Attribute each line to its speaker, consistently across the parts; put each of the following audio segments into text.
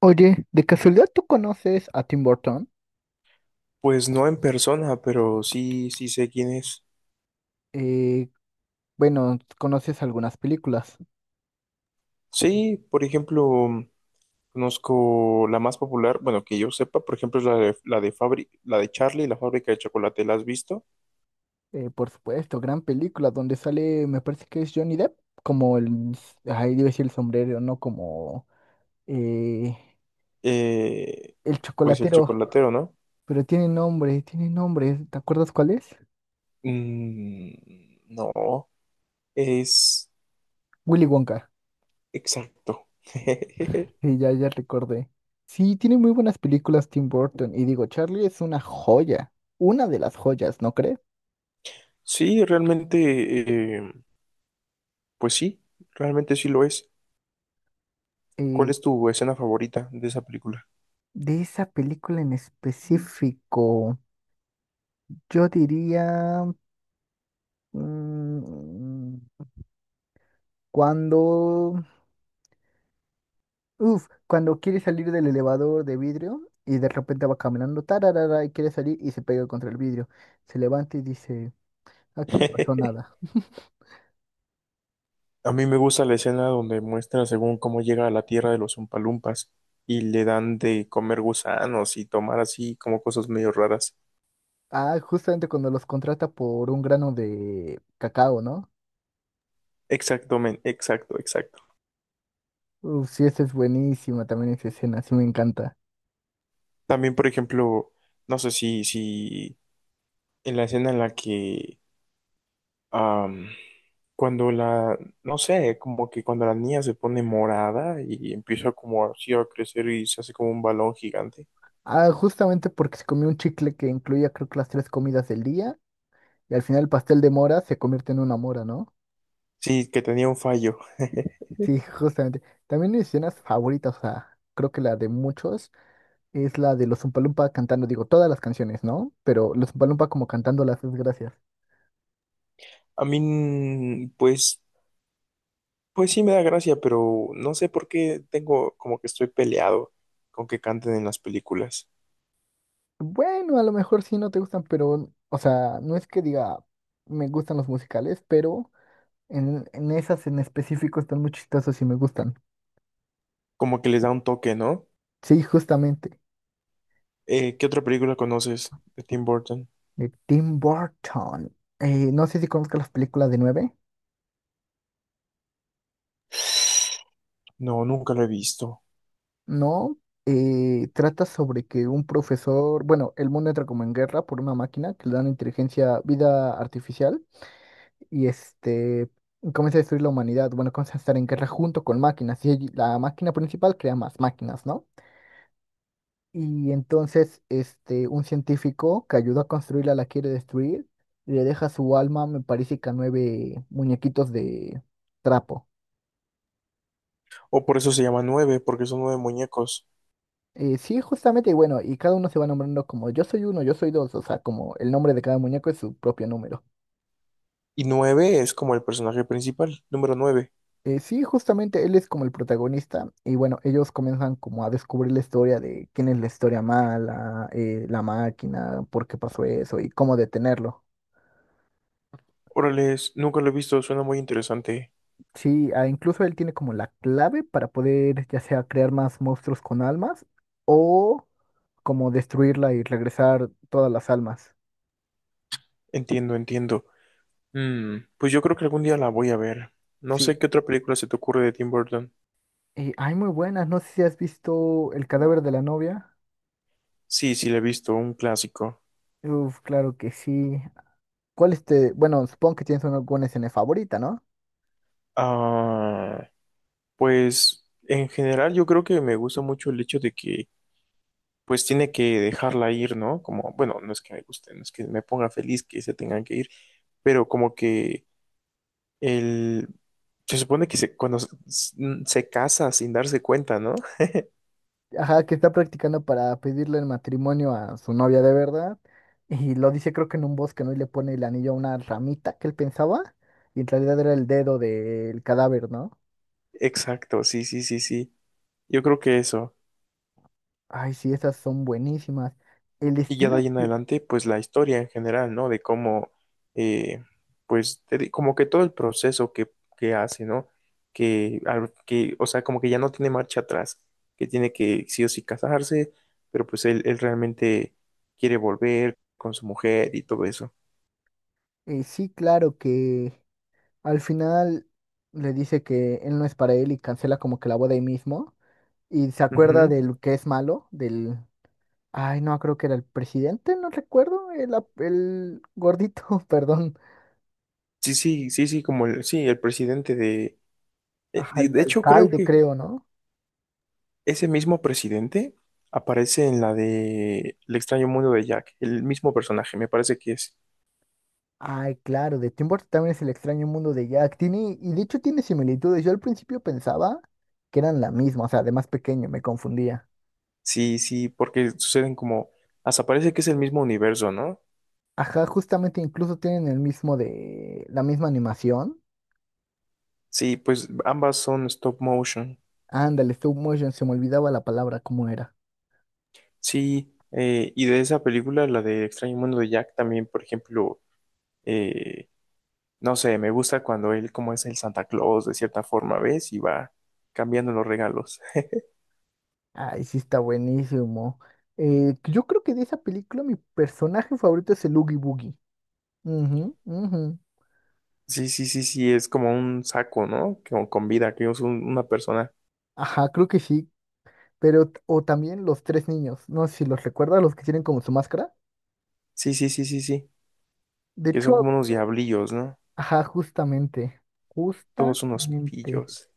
Speaker 1: Oye, ¿de casualidad tú conoces a Tim Burton?
Speaker 2: Pues no en persona, pero sí, sí sé quién es.
Speaker 1: Eh, bueno, conoces algunas películas.
Speaker 2: Sí, por ejemplo, conozco la más popular, bueno, que yo sepa, por ejemplo, es la de Charlie, y la fábrica de chocolate, ¿la has visto?
Speaker 1: Por supuesto, gran película, donde sale, me parece que es Johnny Depp, como el, ahí debe decir el sombrero, ¿no? Como eh,
Speaker 2: Eh,
Speaker 1: el
Speaker 2: pues el
Speaker 1: chocolatero.
Speaker 2: chocolatero, ¿no?
Speaker 1: Pero tiene nombre, ¿te acuerdas cuál es?
Speaker 2: Mm, no, es
Speaker 1: Willy Wonka,
Speaker 2: exacto.
Speaker 1: y ya recordé. Sí, tiene muy buenas películas Tim Burton, y digo, Charlie es una joya, una de las joyas, ¿no crees?
Speaker 2: Sí, realmente, pues sí, realmente sí lo es. ¿Cuál
Speaker 1: Eh,
Speaker 2: es tu escena favorita de esa película?
Speaker 1: De esa película en específico, yo diría mm, cuando, cuando quiere salir del elevador de vidrio y de repente va caminando, tararara, y quiere salir y se pega contra el vidrio. Se levanta y dice, aquí no pasó nada.
Speaker 2: A mí me gusta la escena donde muestra según cómo llega a la tierra de los Umpalumpas y le dan de comer gusanos y tomar así como cosas medio raras.
Speaker 1: Ah, justamente cuando los contrata por un grano de cacao, ¿no?
Speaker 2: Exacto, men, exacto, exacto.
Speaker 1: Uf, sí, esa es buenísima también esa escena, sí me encanta.
Speaker 2: También, por ejemplo, no sé si en la escena en la que am, cuando la, no sé, como que cuando la niña se pone morada y empieza como así a crecer y se hace como un balón gigante.
Speaker 1: Ah, justamente porque se comió un chicle que incluía creo que las tres comidas del día. Y al final el pastel de mora se convierte en una mora, ¿no?
Speaker 2: Sí, que tenía un fallo.
Speaker 1: Sí, justamente. También mis escenas favoritas, o sea, creo que la de muchos es la de los Umpalumpa cantando, digo, todas las canciones, ¿no? Pero los Umpalumpa como cantando las desgracias.
Speaker 2: A mí, pues. Pues sí me da gracia, pero no sé por qué tengo como que estoy peleado con que canten en las películas.
Speaker 1: Bueno, a lo mejor sí no te gustan, pero, o sea, no es que diga me gustan los musicales, pero en esas en específico están muy chistosos y me gustan.
Speaker 2: Como que les da un toque, ¿no?
Speaker 1: Sí, justamente.
Speaker 2: ¿Qué otra película conoces de Tim Burton?
Speaker 1: De Tim Burton. No sé si conozcas las películas de nueve.
Speaker 2: No, nunca lo he visto.
Speaker 1: No, trata sobre que un profesor, bueno, el mundo entra como en guerra por una máquina que le dan inteligencia, vida artificial, y este comienza a destruir la humanidad. Bueno, comienza a estar en guerra junto con máquinas, y allí la máquina principal crea más máquinas, ¿no? Y entonces, este, un científico que ayudó a construirla la quiere destruir, y le deja su alma, me parece que a nueve muñequitos de trapo.
Speaker 2: O por eso se llama Nueve, porque son nueve muñecos.
Speaker 1: Sí, justamente, y bueno, y cada uno se va nombrando como yo soy uno, yo soy dos, o sea, como el nombre de cada muñeco es su propio número.
Speaker 2: Y Nueve es como el personaje principal, número nueve.
Speaker 1: Sí, justamente él es como el protagonista, y bueno, ellos comienzan como a descubrir la historia de quién es la historia mala, la máquina, por qué pasó eso y cómo detenerlo.
Speaker 2: Órale, nunca lo he visto, suena muy interesante.
Speaker 1: Sí, ah, incluso él tiene como la clave para poder ya sea crear más monstruos con almas o como destruirla y regresar todas las almas.
Speaker 2: Entiendo, entiendo. Pues yo creo que algún día la voy a ver. No
Speaker 1: Sí,
Speaker 2: sé qué otra película se te ocurre de Tim Burton.
Speaker 1: y hay muy buenas, no sé si has visto El cadáver de la novia.
Speaker 2: Sí, sí, la he visto, un clásico.
Speaker 1: Uf, claro que sí. ¿Cuál este? Bueno, supongo que tienes una, buena escena favorita, ¿no?
Speaker 2: Ah, pues en general yo creo que me gusta mucho el hecho de que pues tiene que dejarla ir, ¿no? Como, bueno, no es que me guste, no es que me ponga feliz que se tengan que ir, pero como que el. Se supone que se casa sin darse cuenta, ¿no?
Speaker 1: Ajá, que está practicando para pedirle el matrimonio a su novia de verdad. Y lo dice creo que en un bosque, ¿no? Y le pone el anillo a una ramita que él pensaba. Y en realidad era el dedo del cadáver, ¿no?
Speaker 2: Exacto, sí, sí, sí, sí. Yo creo que eso.
Speaker 1: Ay, sí, esas son buenísimas. El
Speaker 2: Y ya de
Speaker 1: estilo,
Speaker 2: ahí en
Speaker 1: sí,
Speaker 2: adelante, pues la historia en general, ¿no? De cómo, eh, pues, como que todo el proceso que hace, ¿no? Que, o sea, como que ya no tiene marcha atrás, que tiene que sí o sí casarse, pero pues él realmente quiere volver con su mujer y todo eso.
Speaker 1: sí, claro que al final le dice que él no es para él y cancela como que la boda ahí mismo. Y se acuerda
Speaker 2: Ujú.
Speaker 1: del que es malo, del... Ay, no, creo que era el presidente, no recuerdo, el, el gordito, perdón,
Speaker 2: Sí, sí, sí, sí, como el, sí, el presidente
Speaker 1: ajá, el
Speaker 2: de hecho creo
Speaker 1: alcalde,
Speaker 2: que
Speaker 1: creo, ¿no?
Speaker 2: ese mismo presidente aparece en la de El extraño mundo de Jack, el mismo personaje, me parece que es.
Speaker 1: Ay, claro, de Tim Burton también es el extraño mundo de Jack. Tiene, y de hecho tiene similitudes. Yo al principio pensaba que eran la misma, o sea, de más pequeño, me confundía.
Speaker 2: Sí, sí, porque suceden como, hasta parece que es el mismo universo, ¿no?
Speaker 1: Ajá, justamente incluso tienen el mismo de, la misma animación.
Speaker 2: Sí, pues ambas son stop motion.
Speaker 1: Ándale, stop motion, se me olvidaba la palabra, ¿cómo era?
Speaker 2: Sí, y de esa película, la de Extraño Mundo de Jack, también, por ejemplo, eh, no sé, me gusta cuando él como es el Santa Claus, de cierta forma, ¿ves? Y va cambiando los regalos.
Speaker 1: Ay, sí está buenísimo. Yo creo que de esa película mi personaje favorito es el Oogie Boogie. Ujú, ujú.
Speaker 2: Sí, sí, sí, sí, es como un saco, ¿no? Con vida, que es una persona.
Speaker 1: Ajá, creo que sí. Pero, o también los tres niños. No sé si los recuerdas, los que tienen como su máscara.
Speaker 2: Sí, sí, sí, sí, sí,
Speaker 1: De
Speaker 2: que son
Speaker 1: hecho,
Speaker 2: como unos diablillos, ¿no?
Speaker 1: ajá, justamente.
Speaker 2: Todos unos
Speaker 1: Justamente.
Speaker 2: pillos.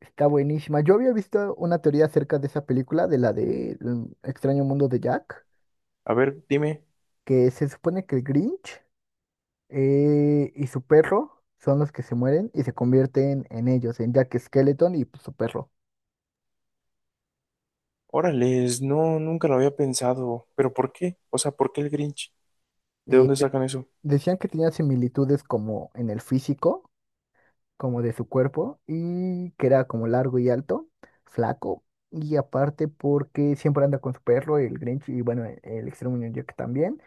Speaker 1: Está buenísima. Yo había visto una teoría acerca de esa película, de la de El extraño mundo de Jack,
Speaker 2: A ver, dime.
Speaker 1: que se supone que el Grinch y su perro son los que se mueren y se convierten en ellos, en Jack Skeleton y pues, su perro.
Speaker 2: Órales, no, nunca lo había pensado. ¿Pero por qué? O sea, ¿por qué el Grinch? ¿De
Speaker 1: Eh,
Speaker 2: dónde sacan eso?
Speaker 1: Decían que tenían similitudes como en el físico, como de su cuerpo y que era como largo y alto, flaco. Y aparte porque siempre anda con su perro, el Grinch, y bueno, el Extremo Ñoño que también.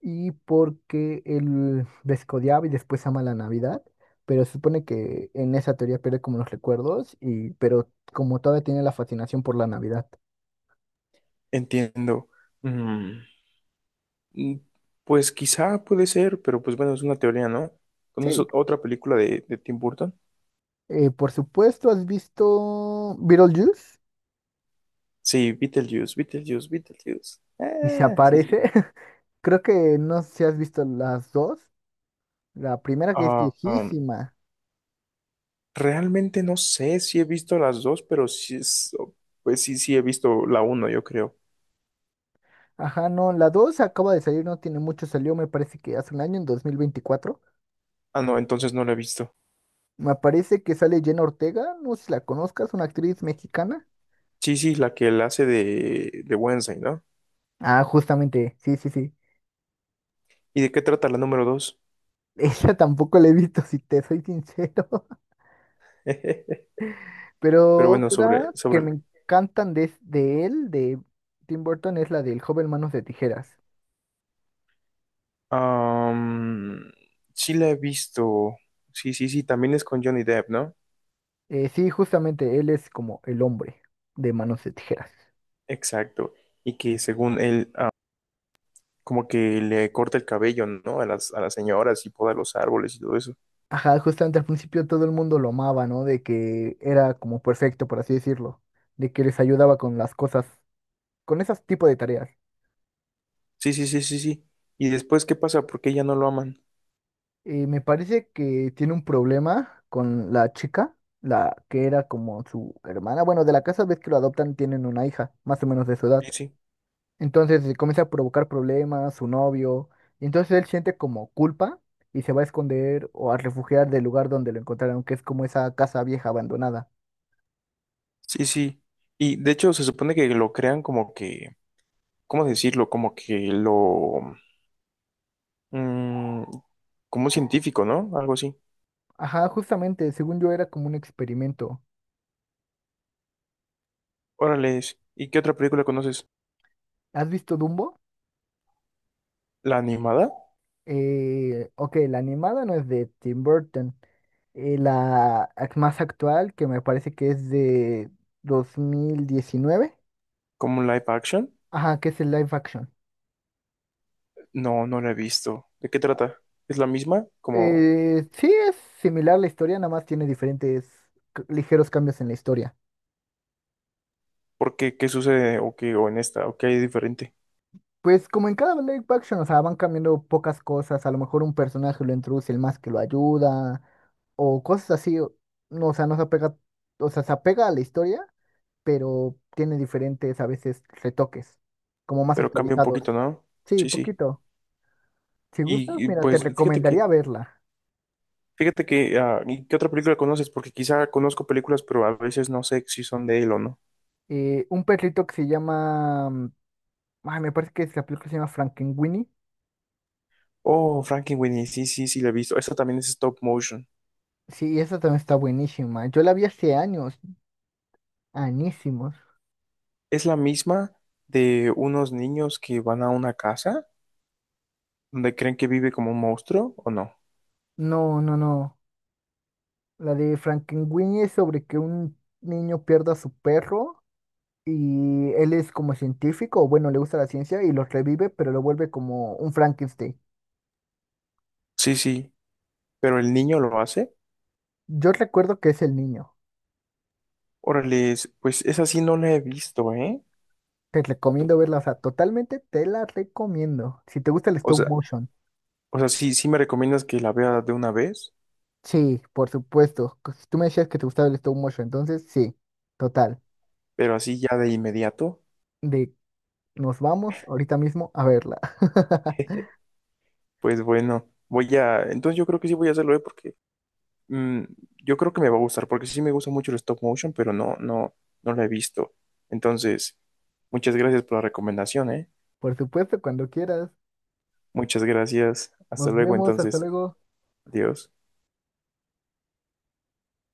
Speaker 1: Y porque él descodiaba y después ama la Navidad. Pero se supone que en esa teoría pierde como los recuerdos, y, pero como todavía tiene la fascinación por la Navidad.
Speaker 2: Entiendo. Mm, mm, pues quizá puede ser, pero pues bueno, es una teoría, ¿no?
Speaker 1: Sí,
Speaker 2: ¿Conoces otra película de Tim Burton?
Speaker 1: por supuesto, ¿has visto Beetlejuice?
Speaker 2: Sí, Beetlejuice, Beetlejuice, Beetlejuice.
Speaker 1: Y se
Speaker 2: Ah, sí, sí.
Speaker 1: aparece. Creo que no sé si has visto las dos. La primera que es
Speaker 2: Ah,
Speaker 1: viejísima.
Speaker 2: realmente no sé si he visto las dos, pero sí es, pues sí, sí he visto la uno, yo creo.
Speaker 1: Ajá, no, la 2 acaba de salir, no tiene mucho, salió me parece que hace un año, en 2024.
Speaker 2: Ah, no, entonces no la he visto.
Speaker 1: Me parece que sale Jenna Ortega, no sé si la conozcas, una actriz mexicana.
Speaker 2: Sí, sí, la que él hace de Wednesday, ¿no?
Speaker 1: Ah, justamente, sí, sí, sí.
Speaker 2: ¿Y de qué trata la número dos?
Speaker 1: Esa tampoco la he visto, si te soy sincero.
Speaker 2: Pero
Speaker 1: Pero
Speaker 2: bueno,
Speaker 1: otra que me encantan de él, de Tim Burton, es la del joven Manos de Tijeras.
Speaker 2: am, sí la he visto. Sí, sí, sí, también es con Johnny Depp, ¿no?
Speaker 1: Sí, justamente, él es como el hombre de Manos de Tijeras.
Speaker 2: Exacto. Y que según él, como que le corta el cabello, ¿no? A las señoras y poda los árboles y todo eso.
Speaker 1: Ajá, justamente al principio todo el mundo lo amaba, ¿no? De que era como perfecto, por así decirlo, de que les ayudaba con las cosas, con esos tipos de tareas.
Speaker 2: Sí, sí, sí, sí, sí. Y después, ¿qué pasa? ¿Por qué ya no lo aman?
Speaker 1: Me parece que tiene un problema con la chica, la que era como su hermana. Bueno, de la casa ves que lo adoptan, tienen una hija, más o menos de su edad.
Speaker 2: Sí, sí,
Speaker 1: Entonces comienza a provocar problemas, su novio, y entonces él siente como culpa y se va a esconder o a refugiar del lugar donde lo encontraron, que es como esa casa vieja abandonada.
Speaker 2: sí, sí. Y de hecho, se supone que lo crean como que, ¿cómo decirlo? Como que lo, mm, como un científico, ¿no? Algo así.
Speaker 1: Ajá, justamente, según yo era como un experimento.
Speaker 2: Órale. ¿Y qué otra película conoces?
Speaker 1: ¿Has visto Dumbo?
Speaker 2: ¿La animada?
Speaker 1: Ok, la animada no es de Tim Burton. La ac- más actual, que me parece que es de 2019.
Speaker 2: ¿Como un live action?
Speaker 1: Ajá, que es el live action.
Speaker 2: No, no la he visto. ¿De qué trata? ¿Es la misma? Como,
Speaker 1: Sí, es similar la historia, nada más tiene diferentes ligeros cambios en la historia.
Speaker 2: ¿por qué? ¿Qué sucede? ¿O qué? ¿O en esta? ¿O qué hay diferente?
Speaker 1: Pues como en cada live action, o sea, van cambiando pocas cosas, a lo mejor un personaje lo introduce el más que lo ayuda, o cosas así, o no, o sea, no se apega, o sea, se apega a la historia, pero tiene diferentes a veces retoques, como más
Speaker 2: Pero cambia un
Speaker 1: actualizados.
Speaker 2: poquito, ¿no?
Speaker 1: Sí,
Speaker 2: Sí, sí.
Speaker 1: poquito. Si gustas,
Speaker 2: Y,
Speaker 1: mira, te
Speaker 2: pues,
Speaker 1: recomendaría verla.
Speaker 2: ¿y qué otra película conoces? Porque quizá conozco películas, pero a veces no sé si son de él o no.
Speaker 1: Un perrito que se llama, ay, me parece que es la película se llama Frankenweenie.
Speaker 2: Oh, Frankenweenie, sí, sí, sí, la he visto. Esta también es stop motion.
Speaker 1: Sí, esa también está buenísima. Yo la vi hace años, añísimos.
Speaker 2: Es la misma de unos niños que van a una casa donde creen que vive como un monstruo, ¿o no?
Speaker 1: No, no, no. La de Frankenweenie es sobre que un niño pierda a su perro y él es como científico, o bueno, le gusta la ciencia y los revive, pero lo vuelve como un Frankenstein.
Speaker 2: Sí, sí, pero el niño lo hace.
Speaker 1: Yo recuerdo que es el niño.
Speaker 2: Órale, pues esa sí no la he visto, ¿eh?
Speaker 1: Te
Speaker 2: Tú-
Speaker 1: recomiendo verla, o sea, totalmente te la recomiendo. Si te gusta el
Speaker 2: o
Speaker 1: stop
Speaker 2: sea,
Speaker 1: motion.
Speaker 2: o sea, sí, sí me recomiendas que la vea de una vez,
Speaker 1: Sí, por supuesto. Que si tú me decías que te gustaba el stop motion, entonces sí, total.
Speaker 2: pero así ya de inmediato.
Speaker 1: De nos vamos ahorita mismo a verla.
Speaker 2: Pues bueno, voy a, entonces yo creo que sí voy a hacerlo, ¿eh? Porque mm, yo creo que me va a gustar, porque sí me gusta mucho el stop motion, pero no, no, no la he visto. Entonces, muchas gracias por la recomendación, ¿eh?
Speaker 1: Por supuesto, cuando quieras.
Speaker 2: Muchas gracias. Hasta
Speaker 1: Nos
Speaker 2: luego,
Speaker 1: vemos, hasta
Speaker 2: entonces.
Speaker 1: luego.
Speaker 2: Adiós.